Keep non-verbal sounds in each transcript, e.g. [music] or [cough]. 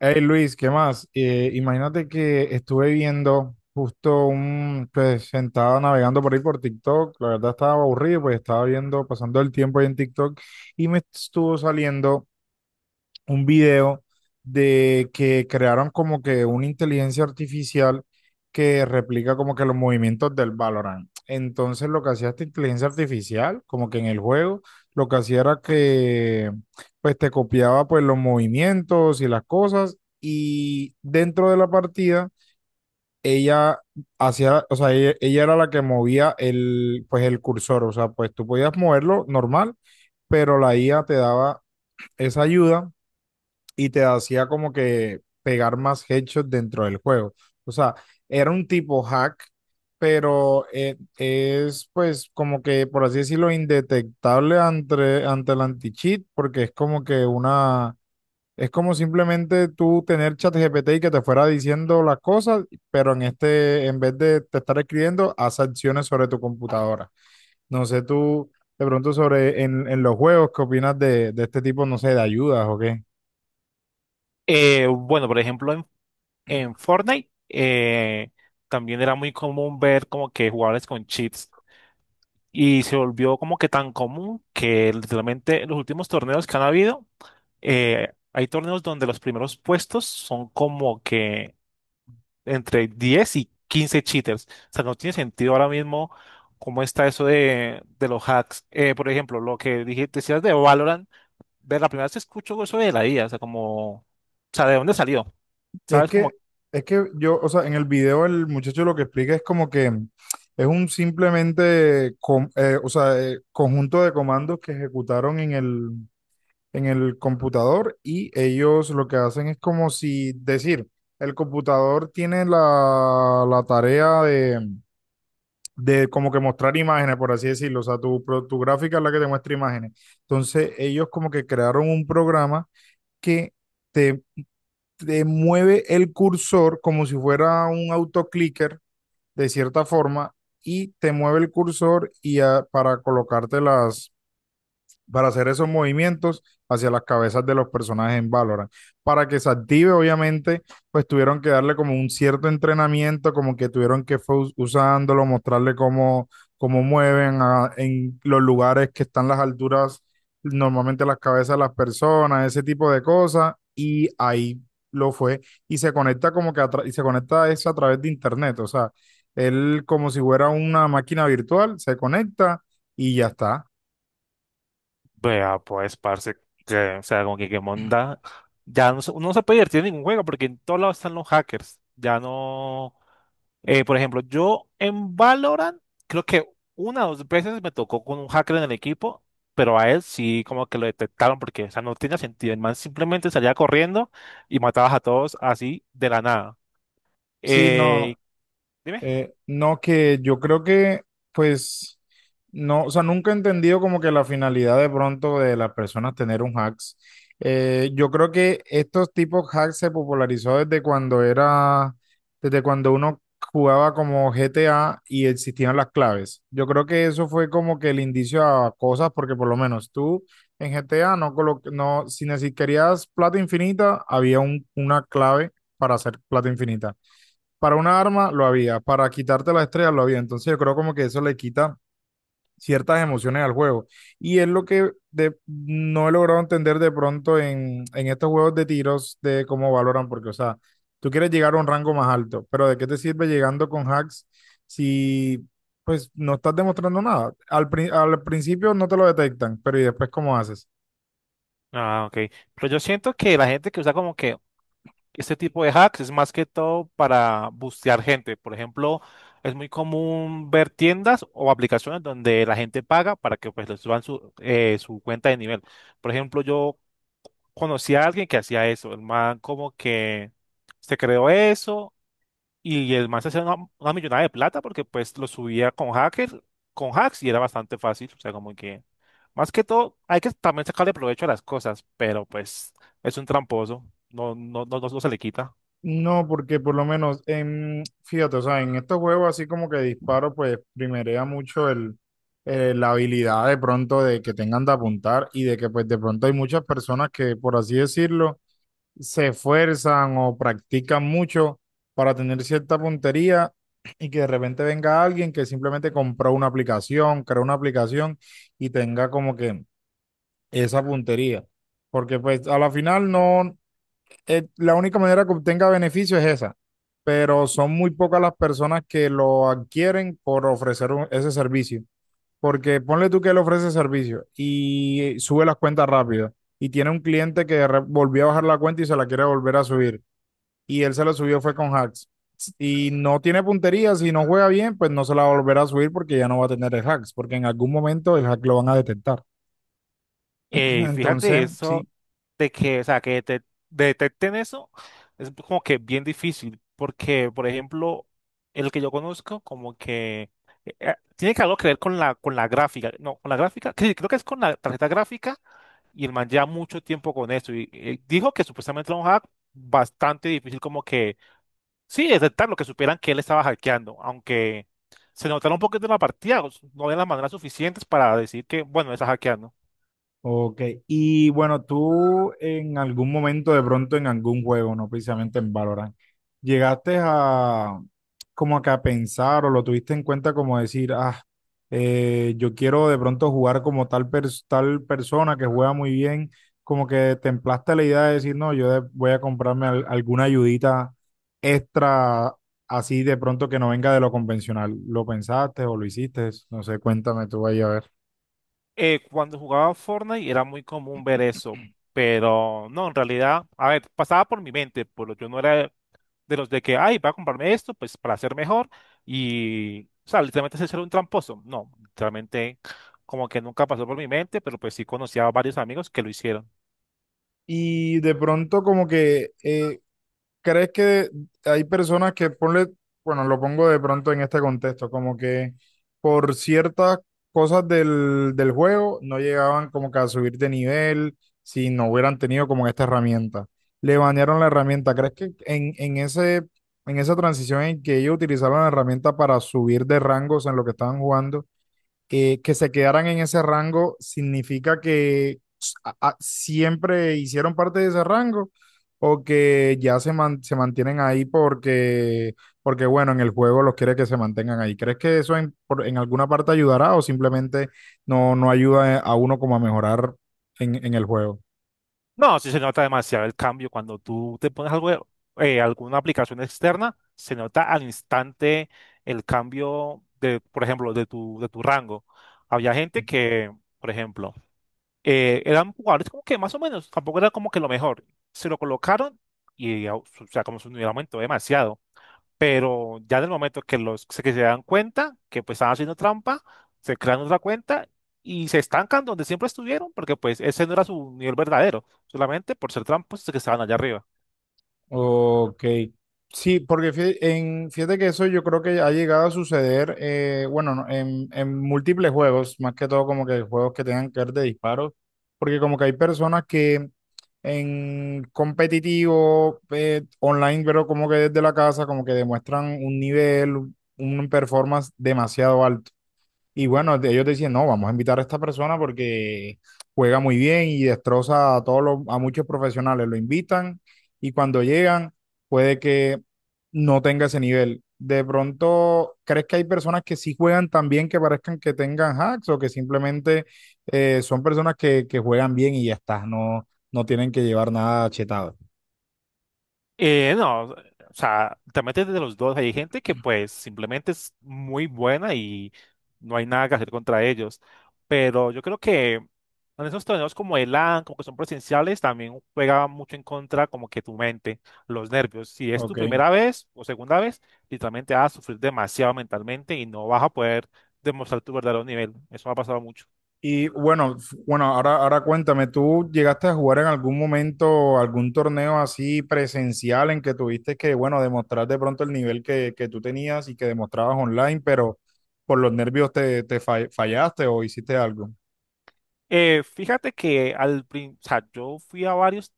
Hey Luis, ¿qué más? Imagínate que estuve viendo justo un, pues sentado navegando por ahí por TikTok, la verdad estaba aburrido, pues estaba viendo, pasando el tiempo ahí en TikTok y me estuvo saliendo un video de que crearon como que una inteligencia artificial que replica como que los movimientos del Valorant. Entonces lo que hacía esta inteligencia artificial, como que en el juego, lo que hacía era que pues te copiaba pues los movimientos y las cosas y dentro de la partida ella hacía, o sea, ella era la que movía el pues el cursor, o sea, pues tú podías moverlo normal, pero la IA te daba esa ayuda y te hacía como que pegar más headshots dentro del juego. O sea, era un tipo hack, pero es pues como que, por así decirlo, indetectable ante el anti-cheat, porque es como que una... Es como simplemente tú tener ChatGPT y que te fuera diciendo las cosas, pero en este, en vez de te estar escribiendo, haz acciones sobre tu computadora. No sé tú, de pronto sobre en los juegos, ¿qué opinas de este tipo, no sé, de ayudas o qué? Bueno, por ejemplo, en Fortnite también era muy común ver como que jugadores con cheats y se volvió como que tan común que literalmente en los últimos torneos que han habido, hay torneos donde los primeros puestos son como que entre 10 y 15 cheaters. O sea, no tiene sentido ahora mismo cómo está eso de los hacks. Por ejemplo, lo que dije, decías de Valorant, ver la primera vez que escucho eso de la IA, o sea, como, o sea, ¿de dónde salió? Es ¿Sabes? que, Como es que yo, o sea, en el video el muchacho lo que explica es como que es un simplemente, com- o sea, conjunto de comandos que ejecutaron en el computador y ellos lo que hacen es como si decir, el computador tiene la, la tarea de como que mostrar imágenes, por así decirlo, o sea, tu, pro- tu gráfica es la que te muestra imágenes. Entonces ellos como que crearon un programa que... te mueve el cursor como si fuera un autoclicker, de cierta forma, y te mueve el cursor y a para colocarte las, para hacer esos movimientos hacia las cabezas de los personajes en Valorant. Para que se active, obviamente, pues tuvieron que darle como un cierto entrenamiento, como que tuvieron que fue usándolo, mostrarle cómo, cómo mueven a, en los lugares que están las alturas, normalmente las cabezas de las personas, ese tipo de cosas, y ahí lo fue. Y se conecta como que y se conecta a eso a través de internet, o sea, él como si fuera una máquina virtual, se conecta y ya está. vea, pues, parce, que, o sea, como que qué monda. Ya no, uno no se puede divertir en ningún juego porque en todos lados están los hackers. Ya no. Eh, por ejemplo, yo en Valorant, creo que una o dos veces me tocó con un hacker en el equipo, pero a él sí como que lo detectaron porque, o sea, no tenía sentido. El man simplemente salía corriendo y matabas a todos así de la nada. Sí, no. Eh, Dime. No, que yo creo que, pues, no, o sea, nunca he entendido como que la finalidad de pronto de las personas tener un hacks. Yo creo que estos tipos hacks se popularizó desde cuando era, desde cuando uno jugaba como GTA y existían las claves. Yo creo que eso fue como que el indicio a cosas, porque por lo menos tú en GTA no, colo- no, si neces- querías plata infinita, había un- una clave para hacer plata infinita para una arma lo había, para quitarte las estrellas lo había. Entonces yo creo como que eso le quita ciertas emociones al juego. Y es lo que de- no he logrado entender de pronto en estos juegos de tiros de cómo valoran, porque, o sea, tú quieres llegar a un rango más alto, pero ¿de qué te sirve llegando con hacks si pues no estás demostrando nada? Al, pri- al principio no te lo detectan, pero ¿y después cómo haces? Ah, ok. Pero yo siento que la gente que usa como que este tipo de hacks es más que todo para bustear gente. Por ejemplo, es muy común ver tiendas o aplicaciones donde la gente paga para que pues les suban su, su cuenta de nivel. Por ejemplo, yo conocí a alguien que hacía eso. El man como que se creó eso y el man se hacía una millonada de plata porque pues lo subía con hackers, con hacks y era bastante fácil. O sea, como que más que todo hay que también sacarle provecho a las cosas, pero pues es un tramposo. No, no, no, no se le quita. No, porque por lo menos, en, fíjate, o sea, en estos juegos así como que disparo, pues primerea mucho el, la habilidad de pronto de que tengan de apuntar y de que pues de pronto hay muchas personas que, por así decirlo, se esfuerzan o practican mucho para tener cierta puntería y que de repente venga alguien que simplemente compró una aplicación, creó una aplicación y tenga como que esa puntería. Porque pues a la final no, la única manera que obtenga beneficio es esa, pero son muy pocas las personas que lo adquieren por ofrecer un- ese servicio, porque ponle tú que él ofrece servicio y sube las cuentas rápido y tiene un cliente que de re- volvió a bajar la cuenta y se la quiere volver a subir y él se la subió fue con hacks y no tiene puntería, si no juega bien, pues no se la volverá a subir porque ya no va a tener el hacks, porque en algún momento el hack lo van a detectar. [clears throat] Ey, Entonces, fíjate eso sí. de que, o sea, detecten eso es como que bien difícil, porque, por ejemplo, el que yo conozco, como que tiene que algo que ver con la gráfica, no, con la gráfica, que creo que es con la tarjeta gráfica, y el man lleva mucho tiempo con eso, y dijo que supuestamente era un hack bastante difícil, como que, sí, detectar lo que supieran que él estaba hackeando, aunque se notaron un poquito en la partida, no de las maneras suficientes para decir que, bueno, está hackeando. Ok, y bueno, tú en algún momento, de pronto en algún juego, no precisamente en Valorant, llegaste a como que a pensar o lo tuviste en cuenta como decir, ah, yo quiero de pronto jugar como tal, pers- tal persona que juega muy bien, como que templaste la idea de decir, no, yo de- voy a comprarme al- alguna ayudita extra así de pronto que no venga de lo convencional. ¿Lo pensaste o lo hiciste? No sé, cuéntame tú ahí a ver. Cuando jugaba Fortnite era muy común ver eso, pero no, en realidad, a ver, pasaba por mi mente, pero yo no era de los de que, ay, voy a comprarme esto, pues para ser mejor, y, o sea, literalmente ser un tramposo. No, literalmente como que nunca pasó por mi mente, pero pues sí conocía a varios amigos que lo hicieron. Y de pronto como que crees que hay personas que ponle, bueno, lo pongo de pronto en este contexto, como que por ciertas cosas del, del juego no llegaban como que a subir de nivel si no hubieran tenido como esta herramienta. Le banearon la herramienta. ¿Crees que en ese, en esa transición en que ellos utilizaron la herramienta para subir de rangos en lo que estaban jugando? ¿Que se quedaran en ese rango significa que a- siempre hicieron parte de ese rango o que ya se, man- se mantienen ahí porque, porque, bueno, en el juego los quiere que se mantengan ahí? ¿Crees que eso en, por- en alguna parte ayudará o simplemente no, no ayuda a uno como a mejorar en el juego? No, sí se nota demasiado el cambio cuando tú te pones algo, alguna aplicación externa, se nota al instante el cambio de, por ejemplo, de tu rango. Había gente que, por ejemplo, eran jugadores como que más o menos, tampoco era como que lo mejor. Se lo colocaron y, o sea, como su nivel aumentó demasiado, pero ya en el momento que que se dan cuenta que pues están haciendo trampa, se crean otra cuenta y se estancan donde siempre estuvieron, porque pues ese no era su nivel verdadero, solamente por ser tramposos que estaban allá arriba. Ok. Sí, porque fí- en, fíjate que eso yo creo que ha llegado a suceder, bueno, no, en múltiples juegos, más que todo como que juegos que tengan que ver de disparos, porque como que hay personas que en competitivo, online, pero como que desde la casa, como que demuestran un nivel, un performance demasiado alto. Y bueno, de- ellos decían, no, vamos a invitar a esta persona porque juega muy bien y destroza a todos los, a muchos profesionales. Lo invitan y cuando llegan puede que no tenga ese nivel. De pronto, ¿crees que hay personas que sí juegan tan bien que parezcan que tengan hacks o que simplemente son personas que juegan bien y ya está, no, no tienen que llevar nada chetado? No, o sea, te metes de los dos. Hay gente que pues simplemente es muy buena y no hay nada que hacer contra ellos. Pero yo creo que en esos torneos como el LAN, como que son presenciales, también juega mucho en contra como que tu mente, los nervios. Si es tu Ok. primera vez o segunda vez, literalmente vas a sufrir demasiado mentalmente y no vas a poder demostrar tu verdadero nivel. Eso me ha pasado mucho. Y bueno, f- bueno, ahora, ahora cuéntame, ¿tú llegaste a jugar en algún momento algún torneo así presencial en que tuviste que, bueno, demostrar de pronto el nivel que tú tenías y que demostrabas online, pero por los nervios te, te fa- fallaste o hiciste algo? Fíjate que o sea, yo fui a varios,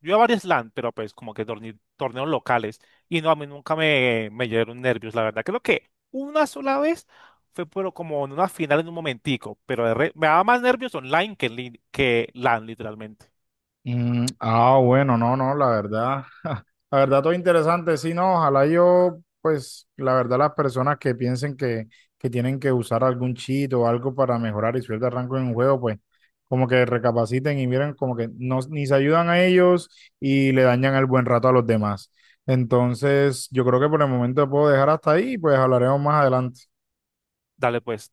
yo a varios LAN, pero pues como que torneos locales, y no, a mí nunca me dieron nervios, la verdad. Creo que una sola vez fue, pero como en una final en un momentico, pero me daba más nervios online que, que LAN, literalmente. Bueno, no, no, la verdad, [laughs] la verdad todo interesante, sí, no, ojalá yo, pues, la verdad las personas que piensen que tienen que usar algún cheat o algo para mejorar y subir de rango en un juego, pues, como que recapaciten y miren como que no, ni se ayudan a ellos y le dañan el buen rato a los demás. Entonces, yo creo que por el momento puedo dejar hasta ahí y pues hablaremos más adelante. Dale pues.